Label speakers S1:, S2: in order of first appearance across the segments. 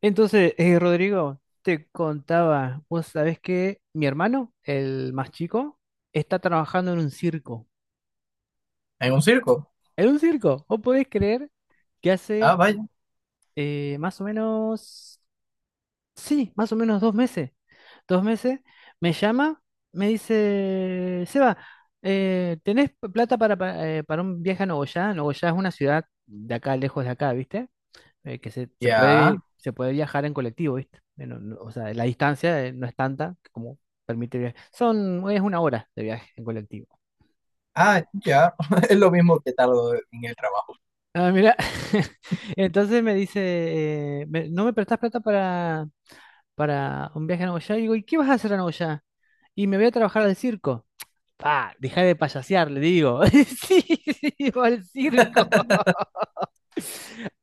S1: Entonces, Rodrigo, te contaba, vos sabés que mi hermano, el más chico, está trabajando en un circo.
S2: ¿En un circo?
S1: En un circo, vos podés creer que
S2: Ah,
S1: hace
S2: vaya.
S1: más o menos, sí, más o menos 2 meses, 2 meses, me llama, me dice, Seba, ¿tenés plata para un viaje a Nogoyá? Nogoyá es una ciudad de acá, lejos de acá, ¿viste? Que se, se
S2: Ya.
S1: puede, se puede viajar en colectivo, ¿viste? O sea, la distancia no es tanta como permite viajar. Es 1 hora de viaje en colectivo.
S2: Ah, ya. Es lo mismo que tardo en el trabajo.
S1: Ah, mira, entonces me dice, ¿no me prestás plata para un viaje a Nagoya? Y digo, ¿y qué vas a hacer a Nagoya? Y me voy a trabajar al circo. Pa, deja de payasear, le digo. Sí, sí, va al circo.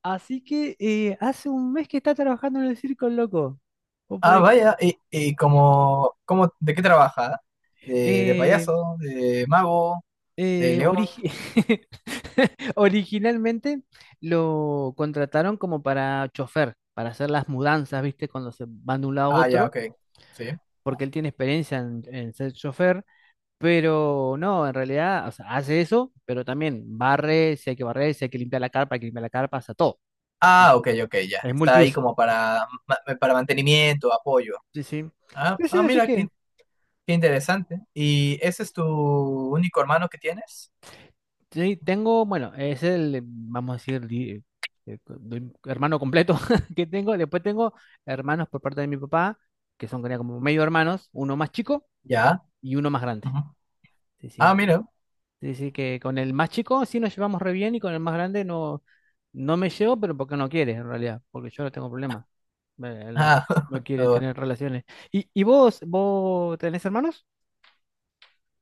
S1: Así que hace un mes que está trabajando en el circo, el loco. ¿Vos
S2: Ah,
S1: podés creer?
S2: vaya. Y como, como, de qué trabaja? De
S1: Eh,
S2: payaso? ¿De mago? ¿De
S1: Eh,
S2: león?
S1: origi- Originalmente lo contrataron como para chofer, para hacer las mudanzas, ¿viste? Cuando se van de un lado a
S2: Ah, ya,
S1: otro,
S2: ok. Sí.
S1: porque él tiene experiencia en ser chofer, pero no, en realidad, o sea, hace eso, pero también barre, si hay que barrer, si hay que limpiar la carpa, hay que limpiar la carpa, o sea, todo.
S2: Ah, ok, ok, ya.
S1: Es
S2: Está ahí
S1: multiuso.
S2: como para, para mantenimiento, apoyo.
S1: Sí, sí.
S2: Ah,
S1: Sí, sí,
S2: ah,
S1: así
S2: mira,
S1: que
S2: qué interesante. ¿Y ese es tu único hermano que tienes?
S1: sí, tengo, bueno, es el, vamos a decir, hermano completo que tengo. Después tengo hermanos por parte de mi papá, que son creo, como medio hermanos, uno más chico
S2: Ya.
S1: y uno más grande.
S2: Ujú.
S1: Sí,
S2: Ah,
S1: sí.
S2: mira.
S1: Sí, sí, que con el más chico sí nos llevamos re bien y con el más grande no, no me llevo, pero porque no quiere en realidad, porque yo no tengo problema. Él no,
S2: Ah,
S1: no quiere tener relaciones. ¿Y, y vos tenés hermanos?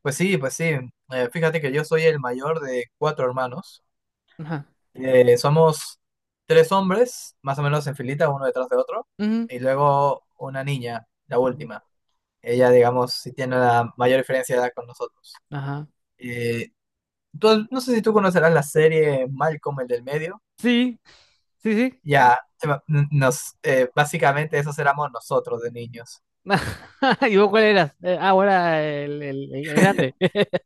S2: Pues sí, pues sí. Fíjate que yo soy el mayor de cuatro hermanos.
S1: Ajá.
S2: Somos tres hombres, más o menos en filita, uno detrás de otro,
S1: Ujú.
S2: y luego una niña, la
S1: Ujú.
S2: última. Ella, digamos, sí tiene la mayor diferencia de edad con nosotros.
S1: Ajá.
S2: Eh, no sé si tú conocerás la serie Malcolm, el del medio.
S1: Sí, sí, sí.
S2: Ya, básicamente esos éramos nosotros de niños.
S1: ¿Y vos cuál eras? Vos eras el, grande.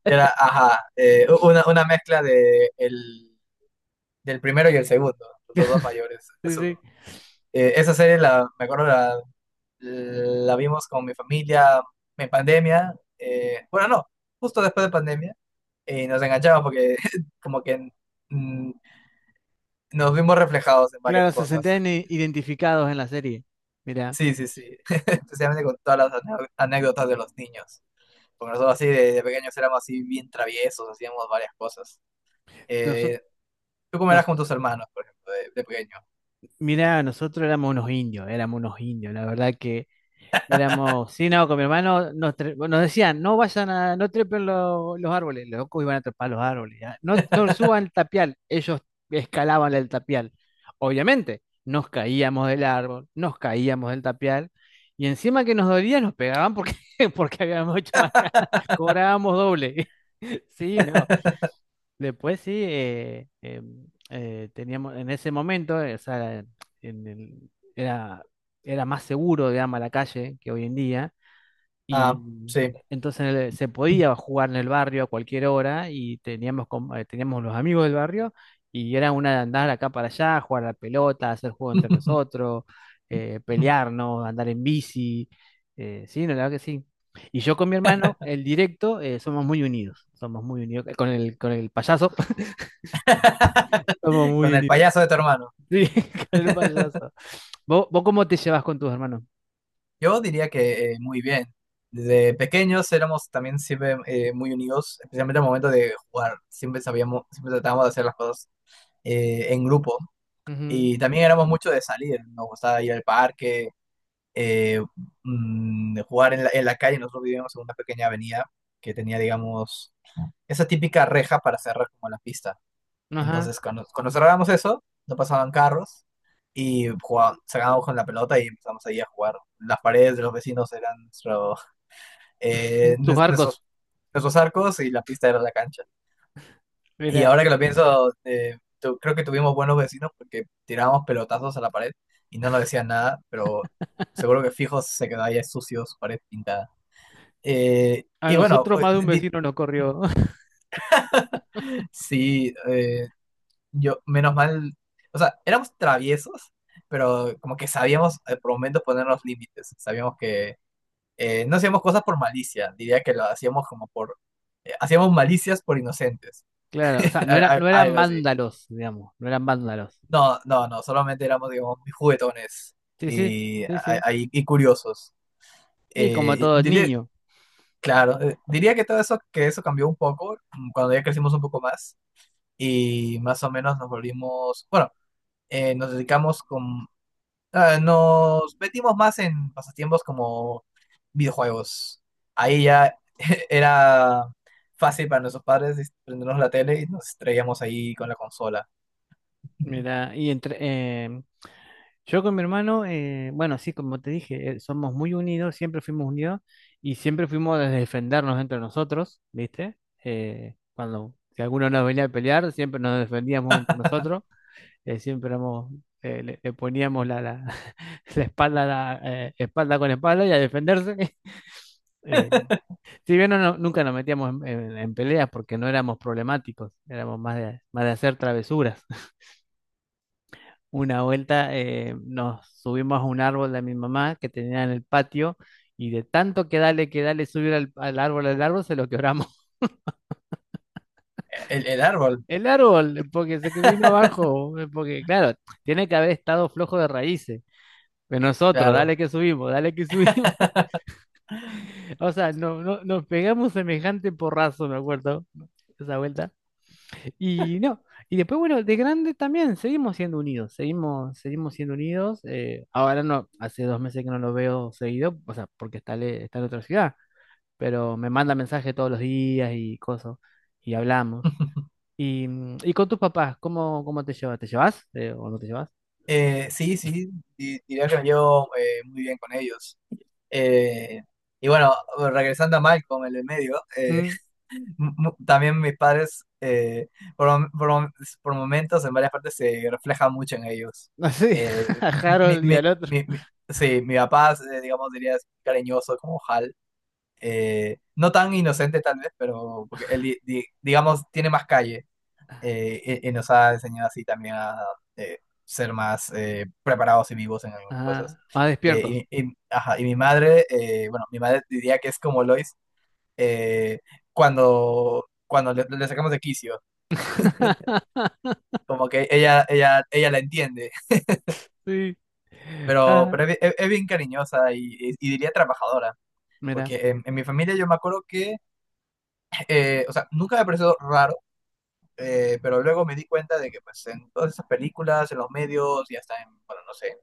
S2: Era, ajá, una mezcla de el, del primero y el segundo, los dos mayores.
S1: Sí, sí.
S2: Eso… Esa serie, me acuerdo, la vimos con mi familia en pandemia. Bueno, no, justo después de pandemia. Y nos enganchamos porque como que mm, nos vimos reflejados en varias
S1: Claro, se
S2: cosas.
S1: sentían identificados en la serie. Mira,
S2: Sí, sí, sí. Especialmente con todas las anécdotas de los niños. Porque nosotros así de pequeños éramos así bien traviesos, hacíamos varias cosas.
S1: nosotros,
S2: Eh, ¿Tú cómo eras con tus hermanos, por ejemplo, de pequeño?
S1: mira, nosotros éramos unos indios, éramos unos indios. La verdad que éramos, sí, no, con mi hermano nos decían, no trepen los árboles, los locos iban a trepar los árboles, ya. No, no suban el tapial, ellos escalaban el tapial. Obviamente, nos caíamos del árbol, nos caíamos del tapial, y encima que nos dolía, nos pegaban porque, porque habíamos hecho bacana, cobrábamos doble. Sí, no. Después sí, teníamos, en ese momento, o sea, en el- era, era más seguro, digamos, a la calle que hoy en día. Y
S2: Ah, sí.
S1: entonces se podía jugar en el barrio a cualquier hora y teníamos los amigos del barrio y era una de andar acá para allá, jugar a la pelota, hacer juego entre nosotros, pelearnos, andar en bici. Sí, no, la verdad que sí. Y yo con mi hermano, el directo, somos muy unidos. Somos muy unidos. Con el payaso, somos muy
S2: Con el
S1: unidos.
S2: payaso de tu hermano.
S1: Sí, con el payaso. ¿Vos cómo te llevas con tus hermanos?
S2: Yo diría que muy bien. Desde pequeños éramos también siempre muy unidos, especialmente al momento de jugar. Siempre sabíamos, siempre tratábamos de hacer las cosas en grupo.
S1: Ujú,
S2: Y también éramos mucho de salir. Nos gustaba ir al parque, eh, jugar en la calle. Nosotros vivíamos en una pequeña avenida que tenía, digamos, esa típica reja para cerrar como la pista.
S1: ajá.
S2: Entonces, cuando, cuando cerrábamos eso, no pasaban carros y jugábamos, sacábamos con la pelota y empezamos ahí a jugar. Las paredes de los vecinos eran nuestro
S1: Tus arcos.
S2: nuestros, nuestros arcos y la pista era la cancha. Y ahora que lo pienso, creo que tuvimos buenos vecinos porque tirábamos pelotazos a la pared y no nos decían nada, pero seguro que fijos se quedaba ya sucio su pared pintada. Eh,
S1: A
S2: y bueno,
S1: nosotros
S2: eh,
S1: más de un
S2: di-
S1: vecino nos corrió.
S2: sí, eh, yo, menos mal, o sea, éramos traviesos, pero como que sabíamos por momentos poner los límites, sabíamos que no hacíamos cosas por malicia, diría que lo hacíamos como hacíamos malicias por inocentes.
S1: Claro, o sea, no eran
S2: Algo así.
S1: vándalos, digamos, no eran vándalos.
S2: No, no, no, solamente éramos, digamos, muy juguetones
S1: Sí, sí,
S2: y,
S1: sí, sí.
S2: y curiosos.
S1: Y como
S2: Eh,
S1: todos
S2: diría,
S1: niños,
S2: claro, diría que todo eso, que eso cambió un poco cuando ya crecimos un poco más y más o menos nos volvimos, bueno, nos dedicamos con, ah, nos metimos más en pasatiempos como videojuegos. Ahí ya era fácil para nuestros padres prendernos la tele y nos traíamos ahí con la consola.
S1: mira, y entre yo con mi hermano, bueno, sí, como te dije, somos muy unidos, siempre fuimos unidos y siempre fuimos a defendernos entre nosotros, ¿viste? Cuando si alguno nos venía a pelear, siempre nos defendíamos entre nosotros, siempre éramos, le poníamos la, la, la espalda, a la, espalda con espalda y a defenderse. Eh, Si bien no, nunca nos metíamos en, en peleas porque no éramos problemáticos, éramos más de, hacer travesuras. Una vuelta nos subimos a un árbol de mi mamá que tenía en el patio y de tanto que dale, subir al árbol, al árbol, se lo quebramos.
S2: El árbol,
S1: El árbol, porque se que vino abajo, porque claro, tiene que haber estado flojo de raíces. Pero nosotros,
S2: claro.
S1: dale que subimos, dale que subimos. O sea, no, no, nos pegamos semejante porrazo, me acuerdo, esa vuelta. Y no, y después, bueno, de grande también seguimos siendo unidos, seguimos siendo unidos. Ahora no, hace 2 meses que no lo veo seguido, o sea, porque está en otra ciudad, pero me manda mensajes todos los días y cosas, y hablamos. Y con tus papás, ¿cómo te llevas? ¿Te llevas o no te llevas?
S2: Sí, sí, diría que me llevo muy bien con ellos. Eh, y bueno, regresando a Malcolm, el de medio,
S1: Mm,
S2: también mis padres, por, mom- por mom- por momentos, en varias partes, se refleja mucho en ellos.
S1: así,
S2: Eh,
S1: a
S2: mi,
S1: Harold y
S2: mi-
S1: al otro.
S2: mi- mi- sí, mi papá, digamos, diría es cariñoso como Hal. No tan inocente tal vez, pero porque él, digamos, tiene más calle. Y, y nos ha enseñado así también a ser más preparados y vivos en algunas
S1: Ah,
S2: cosas.
S1: más despiertos.
S2: Ajá, y mi madre, bueno, mi madre diría que es como Lois eh, cuando, cuando le sacamos de quicio, como que ella la entiende,
S1: Sí. Ah,
S2: pero es bien cariñosa y, y diría trabajadora,
S1: mira.
S2: porque en mi familia yo me acuerdo que, o sea, nunca me pareció raro, pero luego me di cuenta de que pues en todas esas películas, en los medios y hasta en, bueno, no sé,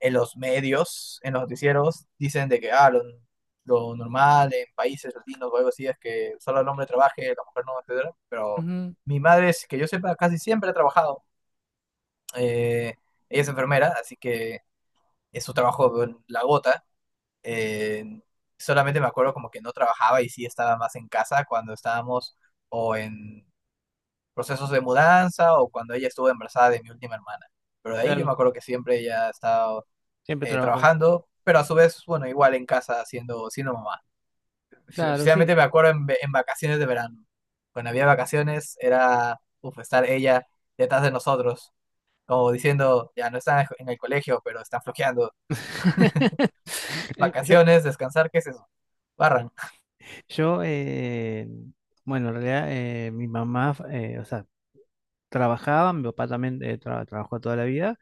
S2: en los medios, en los noticieros, dicen de que ah, lo normal en países latinos o algo así es que solo el hombre trabaje, la mujer no, etcétera. Pero
S1: Ujú,
S2: mi madre, es que yo sepa, casi siempre ha trabajado. Eh, Ella es enfermera, así que es su trabajo la gota. Eh, Solamente me acuerdo como que no trabajaba y sí estaba más en casa cuando estábamos o en procesos de mudanza o cuando ella estuvo embarazada de mi última hermana. Pero de ahí yo me
S1: claro,
S2: acuerdo que siempre ella ha estado
S1: siempre trabajó.
S2: trabajando, pero a su vez, bueno, igual en casa siendo, siendo mamá.
S1: Claro,
S2: Especialmente
S1: sí.
S2: me acuerdo en, en vacaciones de verano. Cuando había vacaciones era, uf, estar ella detrás de nosotros, como diciendo, ya no están en el colegio, pero están flojeando.
S1: Yo,
S2: Vacaciones, descansar, ¿qué es eso? Barran.
S1: yo Bueno, en realidad mi mamá, o sea, trabajaba, mi papá también trabajó toda la vida.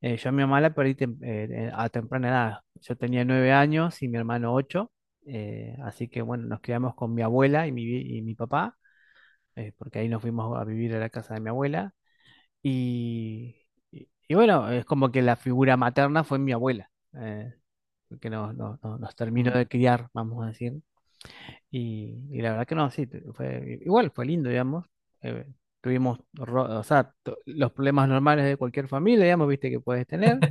S1: Yo a mi mamá la perdí a temprana edad. Yo tenía 9 años y mi hermano 8. Así que bueno, nos quedamos con mi abuela y y mi papá, porque ahí nos fuimos a vivir a la casa de mi abuela. Y, y bueno, es como que la figura materna fue mi abuela, que nos terminó
S2: Mm.
S1: de criar, vamos a decir. Y la verdad que no, sí, igual fue lindo, digamos. Eh, o sea, los problemas normales de cualquier familia, digamos, viste que puedes tener.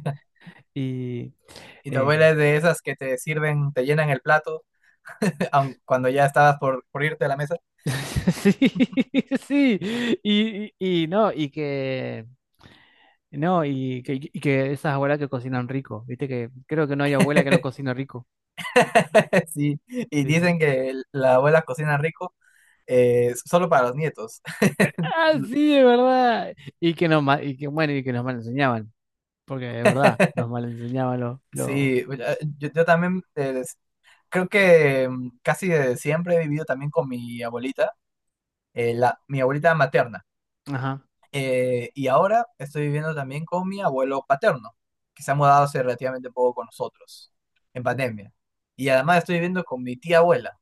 S1: Y
S2: Y tu abuela
S1: eh,
S2: es de esas que te sirven, te llenan el plato, aun cuando ya estabas por irte a la mesa.
S1: sí, sí, y no, no, y que esas abuelas que cocinan rico, viste que creo que no hay abuela que no cocina rico.
S2: Sí, y
S1: Sí, sí.
S2: dicen que la abuela cocina rico solo para los nietos.
S1: Ah, sí, es verdad. Y que nos, ma- y que, bueno, y que nos mal enseñaban, porque de verdad, nos mal enseñaban los,
S2: Sí, yo también creo que casi desde siempre he vivido también con mi abuelita, mi abuelita materna.
S1: ajá.
S2: Y ahora estoy viviendo también con mi abuelo paterno, que se ha mudado hace relativamente poco con nosotros, en pandemia. Y además estoy viviendo con mi tía abuela,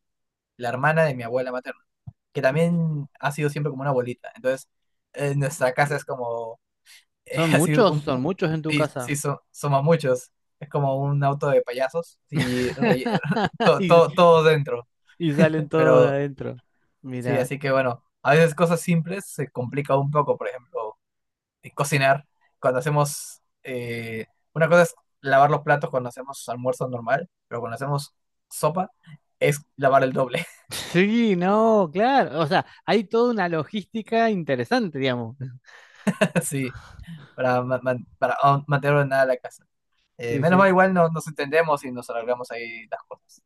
S2: la hermana de mi abuela materna, que también ha sido siempre como una abuelita. Entonces, nuestra casa es como es así un...
S1: Son muchos en tu
S2: Sí,
S1: casa.
S2: sí, somos muchos. Es como un auto de payasos y todo,
S1: Y,
S2: todo, todo dentro.
S1: y salen todos de
S2: Pero
S1: adentro.
S2: sí,
S1: Mira.
S2: así que bueno, a veces cosas simples se complica un poco. Por ejemplo, cocinar. Cuando hacemos... una cosa es lavar los platos cuando hacemos almuerzo normal, pero cuando hacemos sopa es lavar el doble.
S1: Sí, no, claro. O sea, hay toda una logística interesante, digamos.
S2: Sí, para, para aún mantener ordenada la casa.
S1: Sí,
S2: Menos mal
S1: sí.
S2: igual no, nos entendemos y nos arreglamos ahí las cosas.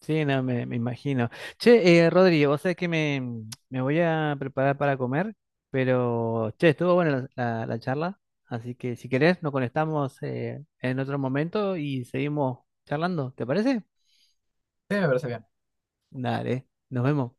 S1: Sí, no, me imagino. Che, Rodri, vos sabés que me voy a preparar para comer, pero, che, estuvo buena la, la charla. Así que si querés, nos conectamos en otro momento y seguimos charlando. ¿Te parece?
S2: Sí, me parece bien.
S1: Dale, nos vemos.